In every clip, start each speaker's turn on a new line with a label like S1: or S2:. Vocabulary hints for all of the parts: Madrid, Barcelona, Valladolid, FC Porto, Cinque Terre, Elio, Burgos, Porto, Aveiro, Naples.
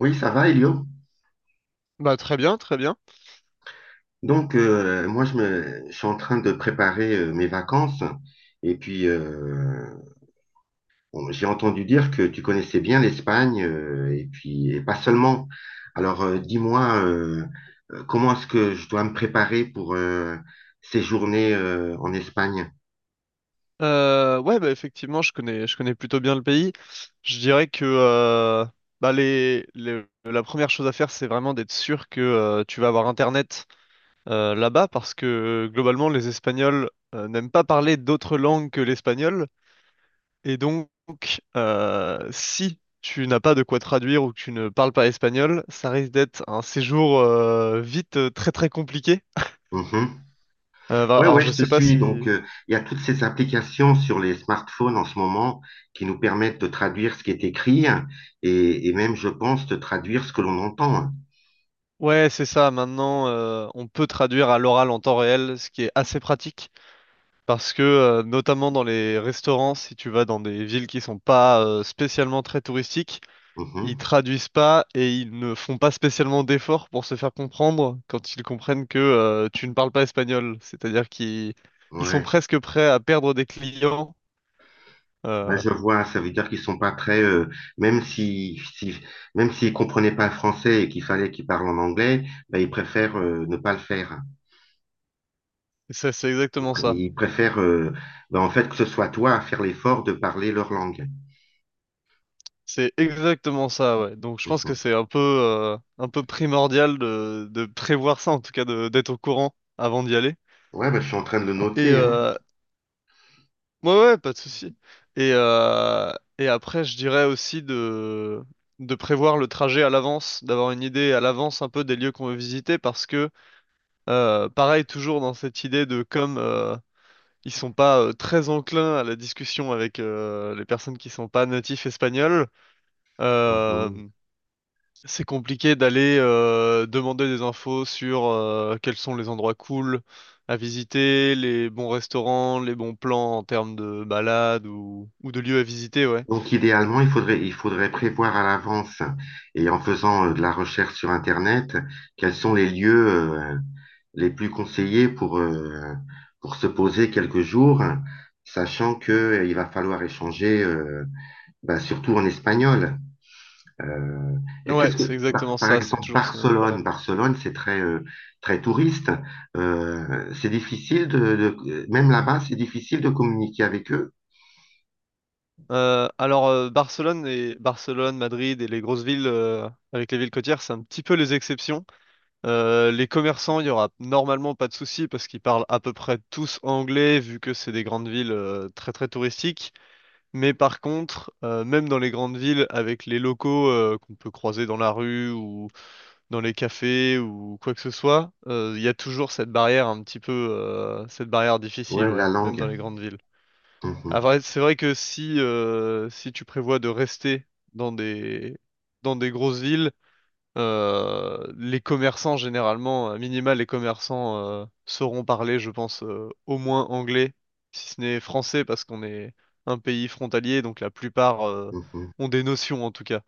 S1: Oui, ça va, Elio.
S2: Bah très bien, très bien.
S1: Donc, moi, je suis en train de préparer mes vacances. Et puis, bon, j'ai entendu dire que tu connaissais bien l'Espagne, et puis, et pas seulement. Alors, dis-moi, comment est-ce que je dois me préparer pour ces journées en Espagne?
S2: Ouais, bah effectivement, je connais plutôt bien le pays. Je dirais que bah la première chose à faire, c'est vraiment d'être sûr que tu vas avoir Internet là-bas, parce que globalement, les Espagnols n'aiment pas parler d'autres langues que l'espagnol, et donc si tu n'as pas de quoi traduire ou que tu ne parles pas espagnol, ça risque d'être un séjour vite très très compliqué.
S1: Mhm.
S2: Bah,
S1: Ouais,
S2: alors
S1: ouais,
S2: je
S1: je te
S2: sais pas
S1: suis. Donc,
S2: si.
S1: il y a toutes ces applications sur les smartphones en ce moment qui nous permettent de traduire ce qui est écrit et même, je pense, de traduire ce que l'on entend.
S2: Ouais, c'est ça. Maintenant, on peut traduire à l'oral en temps réel, ce qui est assez pratique parce que, notamment dans les restaurants, si tu vas dans des villes qui sont pas spécialement très touristiques, ils
S1: Mhm.
S2: traduisent pas et ils ne font pas spécialement d'efforts pour se faire comprendre quand ils comprennent que tu ne parles pas espagnol. C'est-à-dire qu'ils ils sont
S1: Ouais,
S2: presque prêts à perdre des clients.
S1: ouais,
S2: Euh,
S1: je vois, ça veut dire qu'ils sont pas très, même si, si- même s'ils comprenaient pas le français et qu'il fallait qu'ils parlent en anglais, bah, ils préfèrent ne pas le faire.
S2: et ça, c'est exactement ça.
S1: Ils préfèrent, bah, en fait, que ce soit toi à faire l'effort de parler leur langue.
S2: C'est exactement ça, ouais. Donc je pense que
S1: Mhm.
S2: c'est un peu primordial de prévoir ça, en tout cas de d'être au courant avant d'y aller.
S1: Ouais, bah, je suis en train de le
S2: Et
S1: noter, hein.
S2: ouais, ouais, pas de souci. Et après, je dirais aussi de prévoir le trajet à l'avance, d'avoir une idée à l'avance un peu des lieux qu'on veut visiter, parce que pareil, toujours dans cette idée de comme ils sont pas très enclins à la discussion avec les personnes qui sont pas natifs espagnols. euh,
S1: Mhm.
S2: C'est compliqué d'aller demander des infos sur quels sont les endroits cool à visiter, les bons restaurants, les bons plans en termes de balades ou de lieux à visiter, ouais.
S1: Donc, idéalement, il faudrait prévoir à l'avance et en faisant de la recherche sur Internet, quels sont les lieux les plus conseillés pour se poser quelques jours, sachant que il va falloir échanger, bah, surtout en espagnol. Euh, et
S2: Ouais,
S1: qu'est-ce
S2: c'est
S1: que, bah,
S2: exactement
S1: par
S2: ça, c'est
S1: exemple,
S2: toujours ce même
S1: Barcelone,
S2: problème.
S1: Barcelone, c'est très, très touriste. C'est difficile de- même là-bas, c'est difficile de communiquer avec eux.
S2: Alors Barcelone et Barcelone, Madrid et les grosses villes avec les villes côtières, c'est un petit peu les exceptions. Les commerçants, il y aura normalement pas de souci parce qu'ils parlent à peu près tous anglais vu que c'est des grandes villes très très touristiques. Mais par contre, même dans les grandes villes, avec les locaux qu'on peut croiser dans la rue ou dans les cafés ou quoi que ce soit, il y a toujours cette barrière un petit peu, cette barrière difficile,
S1: Ouais,
S2: ouais,
S1: la
S2: même
S1: langue.
S2: dans les grandes villes.
S1: Mhm,
S2: Ah, c'est vrai que si, si tu prévois de rester dans des, dans des grosses villes, les commerçants, généralement, à minima, les commerçants sauront parler, je pense, au moins anglais, si ce n'est français, parce qu'on est un pays frontalier, donc la plupart
S1: mhm.
S2: ont des notions en tout cas.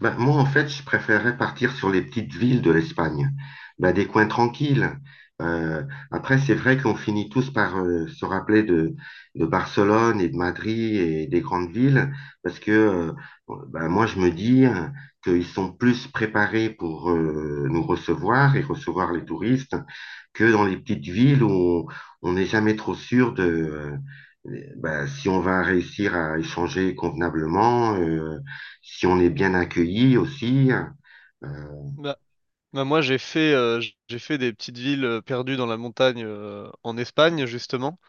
S1: Ben, moi, en fait, je préférais partir sur les petites villes de l'Espagne, ben, des coins tranquilles. Euh, après, c'est vrai qu'on finit tous par se rappeler de Barcelone et de Madrid et des grandes villes, parce que ben, moi, je me dis qu'ils sont plus préparés pour nous recevoir et recevoir les touristes que dans les petites villes où on n'est jamais trop sûr de... ben, si on va réussir à échanger convenablement, si on est bien accueilli aussi. Euh,
S2: Bah, bah, moi, j'ai fait des petites villes perdues dans la montagne en Espagne, justement,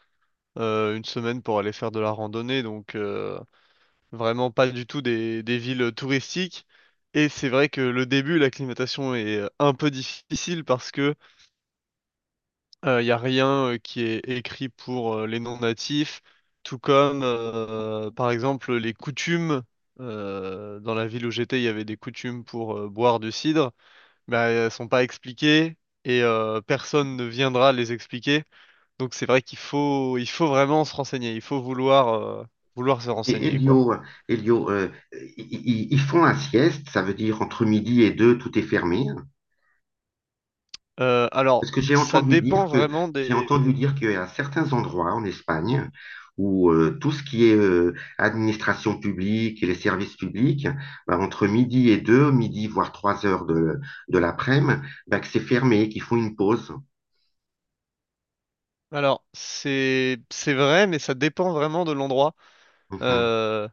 S2: une semaine pour aller faire de la randonnée, donc vraiment pas du tout des villes touristiques. Et c'est vrai que le début, l'acclimatation est un peu difficile parce que il n'y a rien qui est écrit pour les non-natifs, tout comme, par exemple, les coutumes. Dans la ville où j'étais, il y avait des coutumes pour boire du cidre, mais elles sont pas expliquées et personne ne viendra les expliquer. Donc c'est vrai qu'il faut vraiment se renseigner, il faut vouloir se
S1: et
S2: renseigner, quoi.
S1: Elio, Elio euh, ils font un sieste, ça veut dire entre midi et deux, tout est fermé.
S2: Alors,
S1: Parce que j'ai
S2: ça
S1: entendu
S2: dépend
S1: dire que
S2: vraiment
S1: J'ai entendu
S2: des.
S1: dire qu'il y a certains endroits en Espagne où tout ce qui est administration publique et les services publics, bah, entre midi et deux, midi voire trois heures de l'après-midi, bah, que c'est fermé, qu'ils font une pause.
S2: Alors, c'est vrai, mais ça dépend vraiment de l'endroit.
S1: Mhm,
S2: Euh,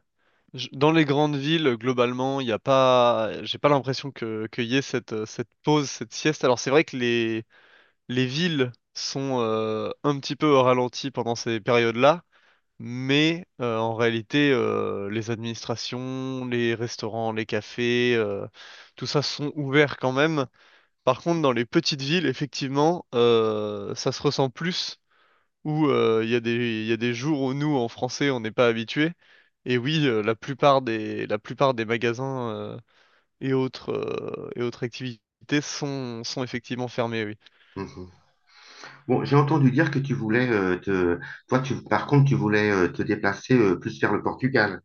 S2: Dans les grandes villes, globalement, il n'y a pas, j'ai pas l'impression qu'il y ait cette, cette, pause, cette sieste. Alors c'est vrai que les villes sont un petit peu au ralenti pendant ces périodes-là, mais en réalité, les administrations, les restaurants, les cafés, tout ça sont ouverts quand même. Par contre, dans les petites villes, effectivement, ça se ressent plus où il y a des jours où nous, en français, on n'est pas habitués. Et oui, la plupart des magasins et autres activités sont effectivement fermés, oui.
S1: mhm. Bon, j'ai entendu dire que tu voulais te toi tu par contre tu voulais te déplacer plus vers le Portugal.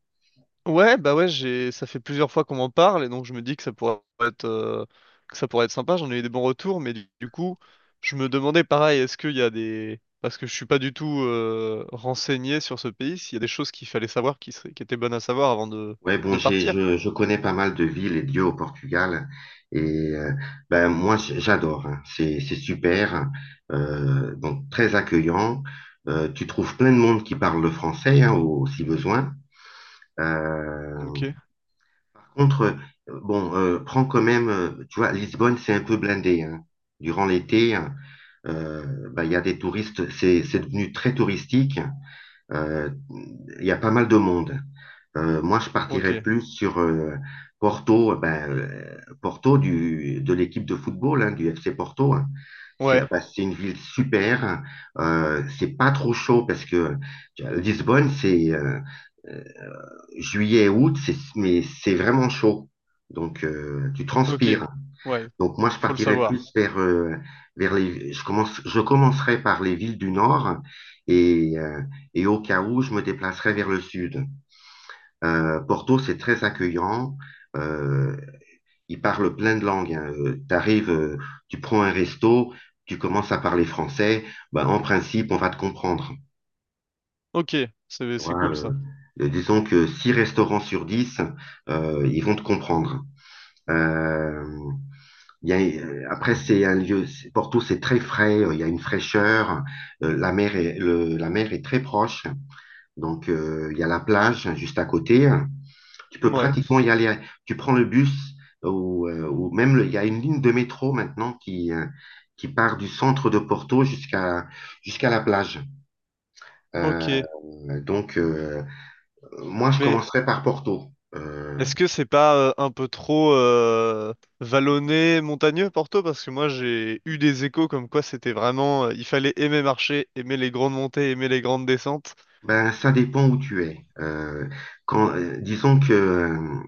S2: Ouais, bah ouais, ça fait plusieurs fois qu'on m'en parle et donc je me dis que que ça pourrait être sympa. J'en ai eu des bons retours, mais du coup, je me demandais pareil, est-ce qu'il y a des, parce que je suis pas du tout renseigné sur ce pays, s'il y a des choses qu'il fallait savoir qui qui étaient bonnes à savoir avant de,
S1: Ouais, bon,
S2: de partir.
S1: je connais pas mal de villes et de lieux au Portugal et j'adore, hein. C'est super, donc très accueillant. Tu trouves plein de monde qui parle le français hein, si besoin. Euh,
S2: Ok,
S1: par contre, bon, prends quand même, tu vois, Lisbonne c'est un peu blindé hein. Durant l'été. Hein, euh, bah, il y a des touristes, c'est devenu très touristique. Euh, il y a pas mal de monde. Moi, je partirais
S2: ok.
S1: plus sur Porto, ben, Porto de l'équipe de football, hein, du FC Porto. Hein.
S2: Ouais.
S1: C'est une ville super. C'est pas trop chaud parce que tu vois, Lisbonne, c'est euh, mais c'est vraiment chaud. Donc, tu
S2: Ok,
S1: transpires.
S2: ouais,
S1: Donc moi, je
S2: faut le
S1: partirais
S2: savoir.
S1: plus vers, je commencerai par les villes du Nord et, euh, et au cas où, je me déplacerai vers le Sud. Porto, c'est très accueillant. Euh, ils parlent plein de langues. Hein. T'arrives, tu prends un resto, tu commences à parler français. Ben, en principe, on va te comprendre.
S2: Ok, c'est
S1: Tu
S2: c'est
S1: vois,
S2: cool ça.
S1: disons que 6 restaurants sur 10 ils vont te comprendre. Euh, Il y a, après, c'est un lieu, Porto, c'est très frais, il y a une fraîcheur, la mer est très proche, donc il y a la plage hein, juste à côté. Tu peux
S2: Ouais.
S1: pratiquement y aller, tu prends le bus ou même il y a une ligne de métro maintenant qui part du centre de Porto jusqu'à la plage. Euh,
S2: Ok,
S1: donc, moi, je
S2: mais
S1: commencerai par Porto.
S2: est-ce que c'est pas un peu trop vallonné, montagneux, Porto? Parce que moi j'ai eu des échos comme quoi c'était vraiment, il fallait aimer marcher, aimer les grandes montées, aimer les grandes descentes.
S1: Ben, ça dépend où tu es. Quand, euh, disons que... euh,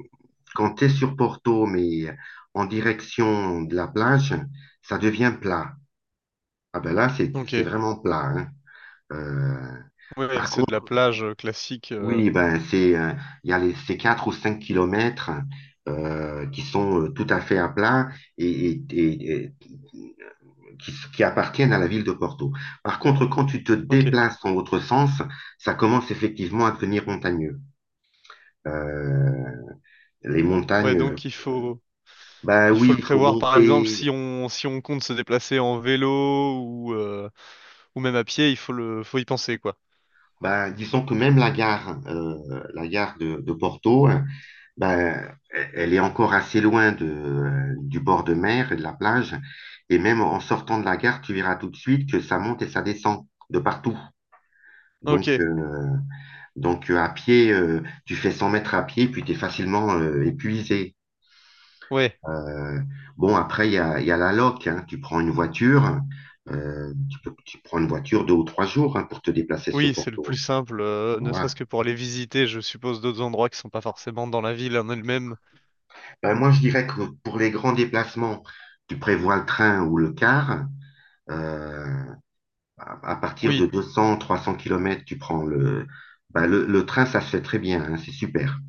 S1: Quand tu es sur Porto, mais en direction de la plage, ça devient plat. Ah ben là,
S2: Ok,
S1: c'est vraiment plat, hein. Euh,
S2: ouais, c'est de la plage classique.
S1: oui, il y a les, ces 4 ou 5 kilomètres qui sont tout à fait à plat et qui appartiennent à la ville de Porto. Par contre, quand tu te
S2: Ok,
S1: déplaces dans l'autre sens, ça commence effectivement à devenir montagneux. Euh, les
S2: ouais,
S1: montagnes,
S2: donc il faut,
S1: ben
S2: il faut
S1: oui,
S2: le
S1: il faut
S2: prévoir. Par exemple,
S1: monter.
S2: si on compte se déplacer en vélo ou, euh, ou même à pied, faut y penser quoi.
S1: Ben, disons que même la gare de Porto, hein, ben, elle est encore assez loin du bord de mer et de la plage. Et même en sortant de la gare, tu verras tout de suite que ça monte et ça descend de partout.
S2: Ok,
S1: Donc, euh, donc à pied, tu fais 100 mètres à pied, puis tu es facilement épuisé.
S2: ouais.
S1: Euh, bon, après, il y a la loc, hein. Tu prends une voiture deux ou trois jours hein, pour te déplacer sur
S2: Oui, c'est le plus
S1: Porto.
S2: simple, ne
S1: Voilà.
S2: serait-ce que pour aller visiter, je suppose, d'autres endroits qui sont pas forcément dans la ville en elle-même.
S1: Ben, moi, je dirais que pour les grands déplacements, tu prévois le train ou le car. Euh, à partir de
S2: Oui,
S1: 200, 300 km, ben, le train, ça se fait très bien, hein, c'est super.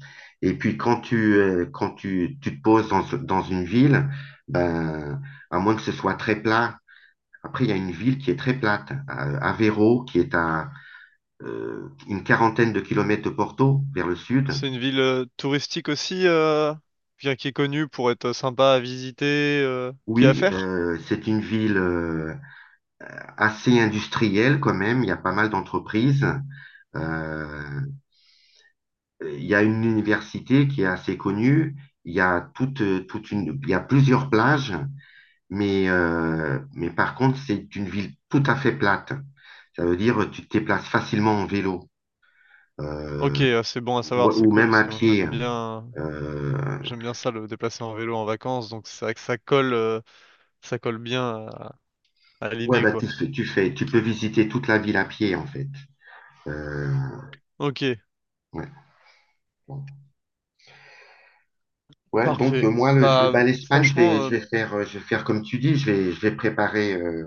S1: Et puis quand tu te poses dans une ville, ben, à moins que ce soit très plat, après, il y a une ville qui est très plate, Aveiro, qui est à une quarantaine de kilomètres de Porto, vers le sud.
S2: c'est une ville touristique aussi, bien qui est connue pour être sympa à visiter, qui est à
S1: Oui,
S2: faire.
S1: c'est une ville assez industriel quand même. Il y a pas mal d'entreprises. Euh, il y a une université qui est assez connue. Il y a toute, il y a plusieurs plages, mais par contre, c'est une ville tout à fait plate. Ça veut dire tu te déplaces facilement en vélo
S2: Ok,
S1: euh,
S2: c'est bon à savoir, c'est
S1: ou
S2: cool,
S1: même
S2: parce
S1: à
S2: que moi j'aime
S1: pied.
S2: bien,
S1: Euh,
S2: j'aime bien ça, le déplacer en vélo en vacances, donc c'est vrai que ça colle bien à, à
S1: ouais,
S2: l'idée, quoi.
S1: tu peux visiter toute la ville à pied en fait. Euh,
S2: Ok,
S1: ouais. Bon. Ouais, donc
S2: parfait.
S1: moi,
S2: Bah,
S1: bah, l'Espagne,
S2: franchement,
S1: je vais faire comme tu dis, je vais préparer,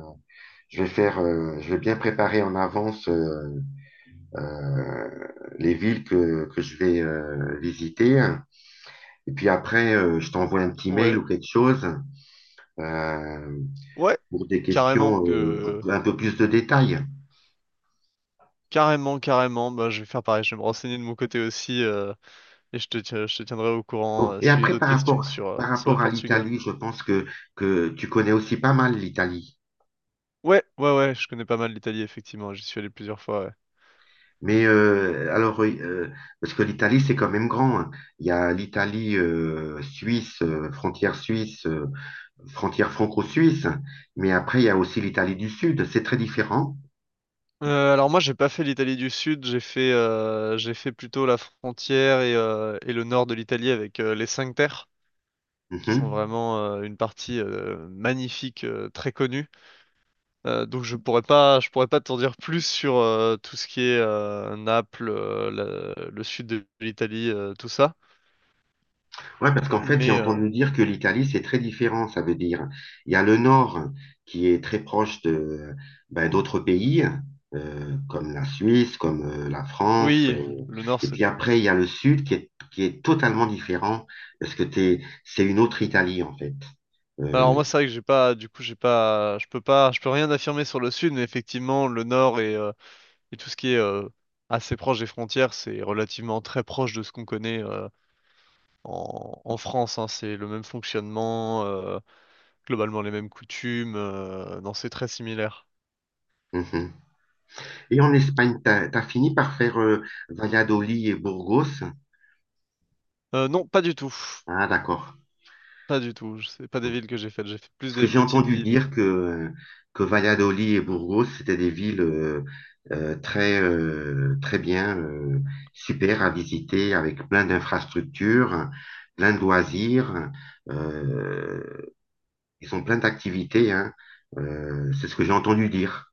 S1: je vais bien préparer en avance euh, les villes que je vais visiter. Et puis après, je t'envoie un petit mail
S2: ouais,
S1: ou quelque chose euh,
S2: ouais,
S1: pour des
S2: carrément
S1: questions, pour
S2: que.
S1: un peu plus de détails.
S2: Carrément, carrément. Bah, je vais faire pareil. Je vais me renseigner de mon côté aussi et je te tiendrai au courant
S1: Bon, et
S2: si j'ai
S1: après,
S2: d'autres questions sur, euh,
S1: par
S2: sur le
S1: rapport à
S2: Portugal.
S1: l'Italie, que tu connais aussi pas mal l'Italie.
S2: Ouais, ouais, ouais. Je connais pas mal l'Italie, effectivement. J'y suis allé plusieurs fois. Ouais.
S1: Mais alors, oui, parce que l'Italie, c'est quand même grand. Hein. Il y a l'Italie suisse, frontière suisse, frontière franco-suisse, mais après, il y a aussi l'Italie du Sud. C'est très différent.
S2: Alors moi, j'ai pas fait l'Italie du Sud. J'ai fait plutôt la frontière et le nord de l'Italie avec les Cinq Terres, qui sont
S1: Mhm.
S2: vraiment une partie magnifique, très connue. Donc je pourrais pas t'en dire plus sur tout ce qui est Naples, le sud de l'Italie, tout ça.
S1: Ouais, parce qu'en fait, j'ai
S2: Mais
S1: entendu dire que l'Italie, c'est très différent, ça veut dire. Il y a le nord qui est très proche de, ben, d'autres pays, comme la Suisse, comme la France.
S2: oui,
S1: Euh,
S2: le nord
S1: et
S2: c'est.
S1: puis après, il y a le sud qui est totalement différent, parce que t'es, c'est une autre Italie, en fait.
S2: Alors moi
S1: Euh,
S2: c'est vrai que j'ai pas, du coup j'ai pas, je peux pas, je peux rien affirmer sur le sud, mais effectivement le nord et tout ce qui est assez proche des frontières, c'est relativement très proche de ce qu'on connaît en France. Hein. C'est le même fonctionnement, globalement les mêmes coutumes, non c'est très similaire.
S1: mhm. Et en Espagne, tu as, fini par faire Valladolid et Burgos.
S2: Non, pas du tout.
S1: Ah, d'accord.
S2: Pas du tout, c'est pas des villes que j'ai faites, j'ai fait plus
S1: Parce que
S2: des
S1: j'ai
S2: petites
S1: entendu
S2: villes.
S1: dire que Valladolid et Burgos, c'était des villes très bien, super à visiter, avec plein d'infrastructures, plein de loisirs. Euh, ils ont plein d'activités, hein. C'est ce que j'ai entendu dire.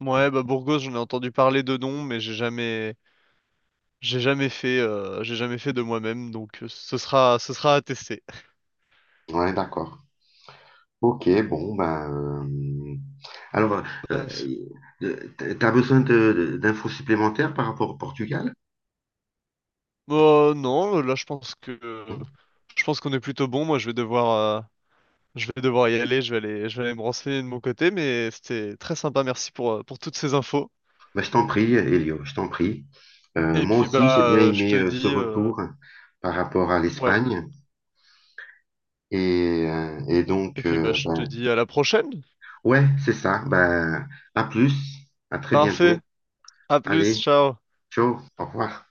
S2: Ouais, bah Burgos, j'en ai entendu parler de nom, mais j'ai jamais fait de moi-même, donc ce sera à tester.
S1: Ouais, d'accord. Ok, bon, ben. Euh, alors, euh,
S2: Ouais.
S1: euh, d'infos supplémentaires par rapport au Portugal?
S2: Non, là je pense qu'on est plutôt bon. Moi, je vais devoir y aller, je vais aller me renseigner de mon côté, mais c'était très sympa, merci pour toutes ces infos.
S1: Bah, je t'en prie, Elio, je t'en prie.
S2: Et
S1: Moi
S2: puis
S1: aussi, j'ai
S2: bah
S1: bien
S2: je
S1: aimé
S2: te
S1: ce
S2: dis
S1: retour par rapport à
S2: ouais,
S1: l'Espagne. Et
S2: et
S1: donc,
S2: puis bah je te
S1: ben,
S2: dis à la prochaine.
S1: ouais, c'est ça. Ben, à plus, à très
S2: Parfait.
S1: bientôt.
S2: À plus,
S1: Allez,
S2: ciao.
S1: ciao, au revoir.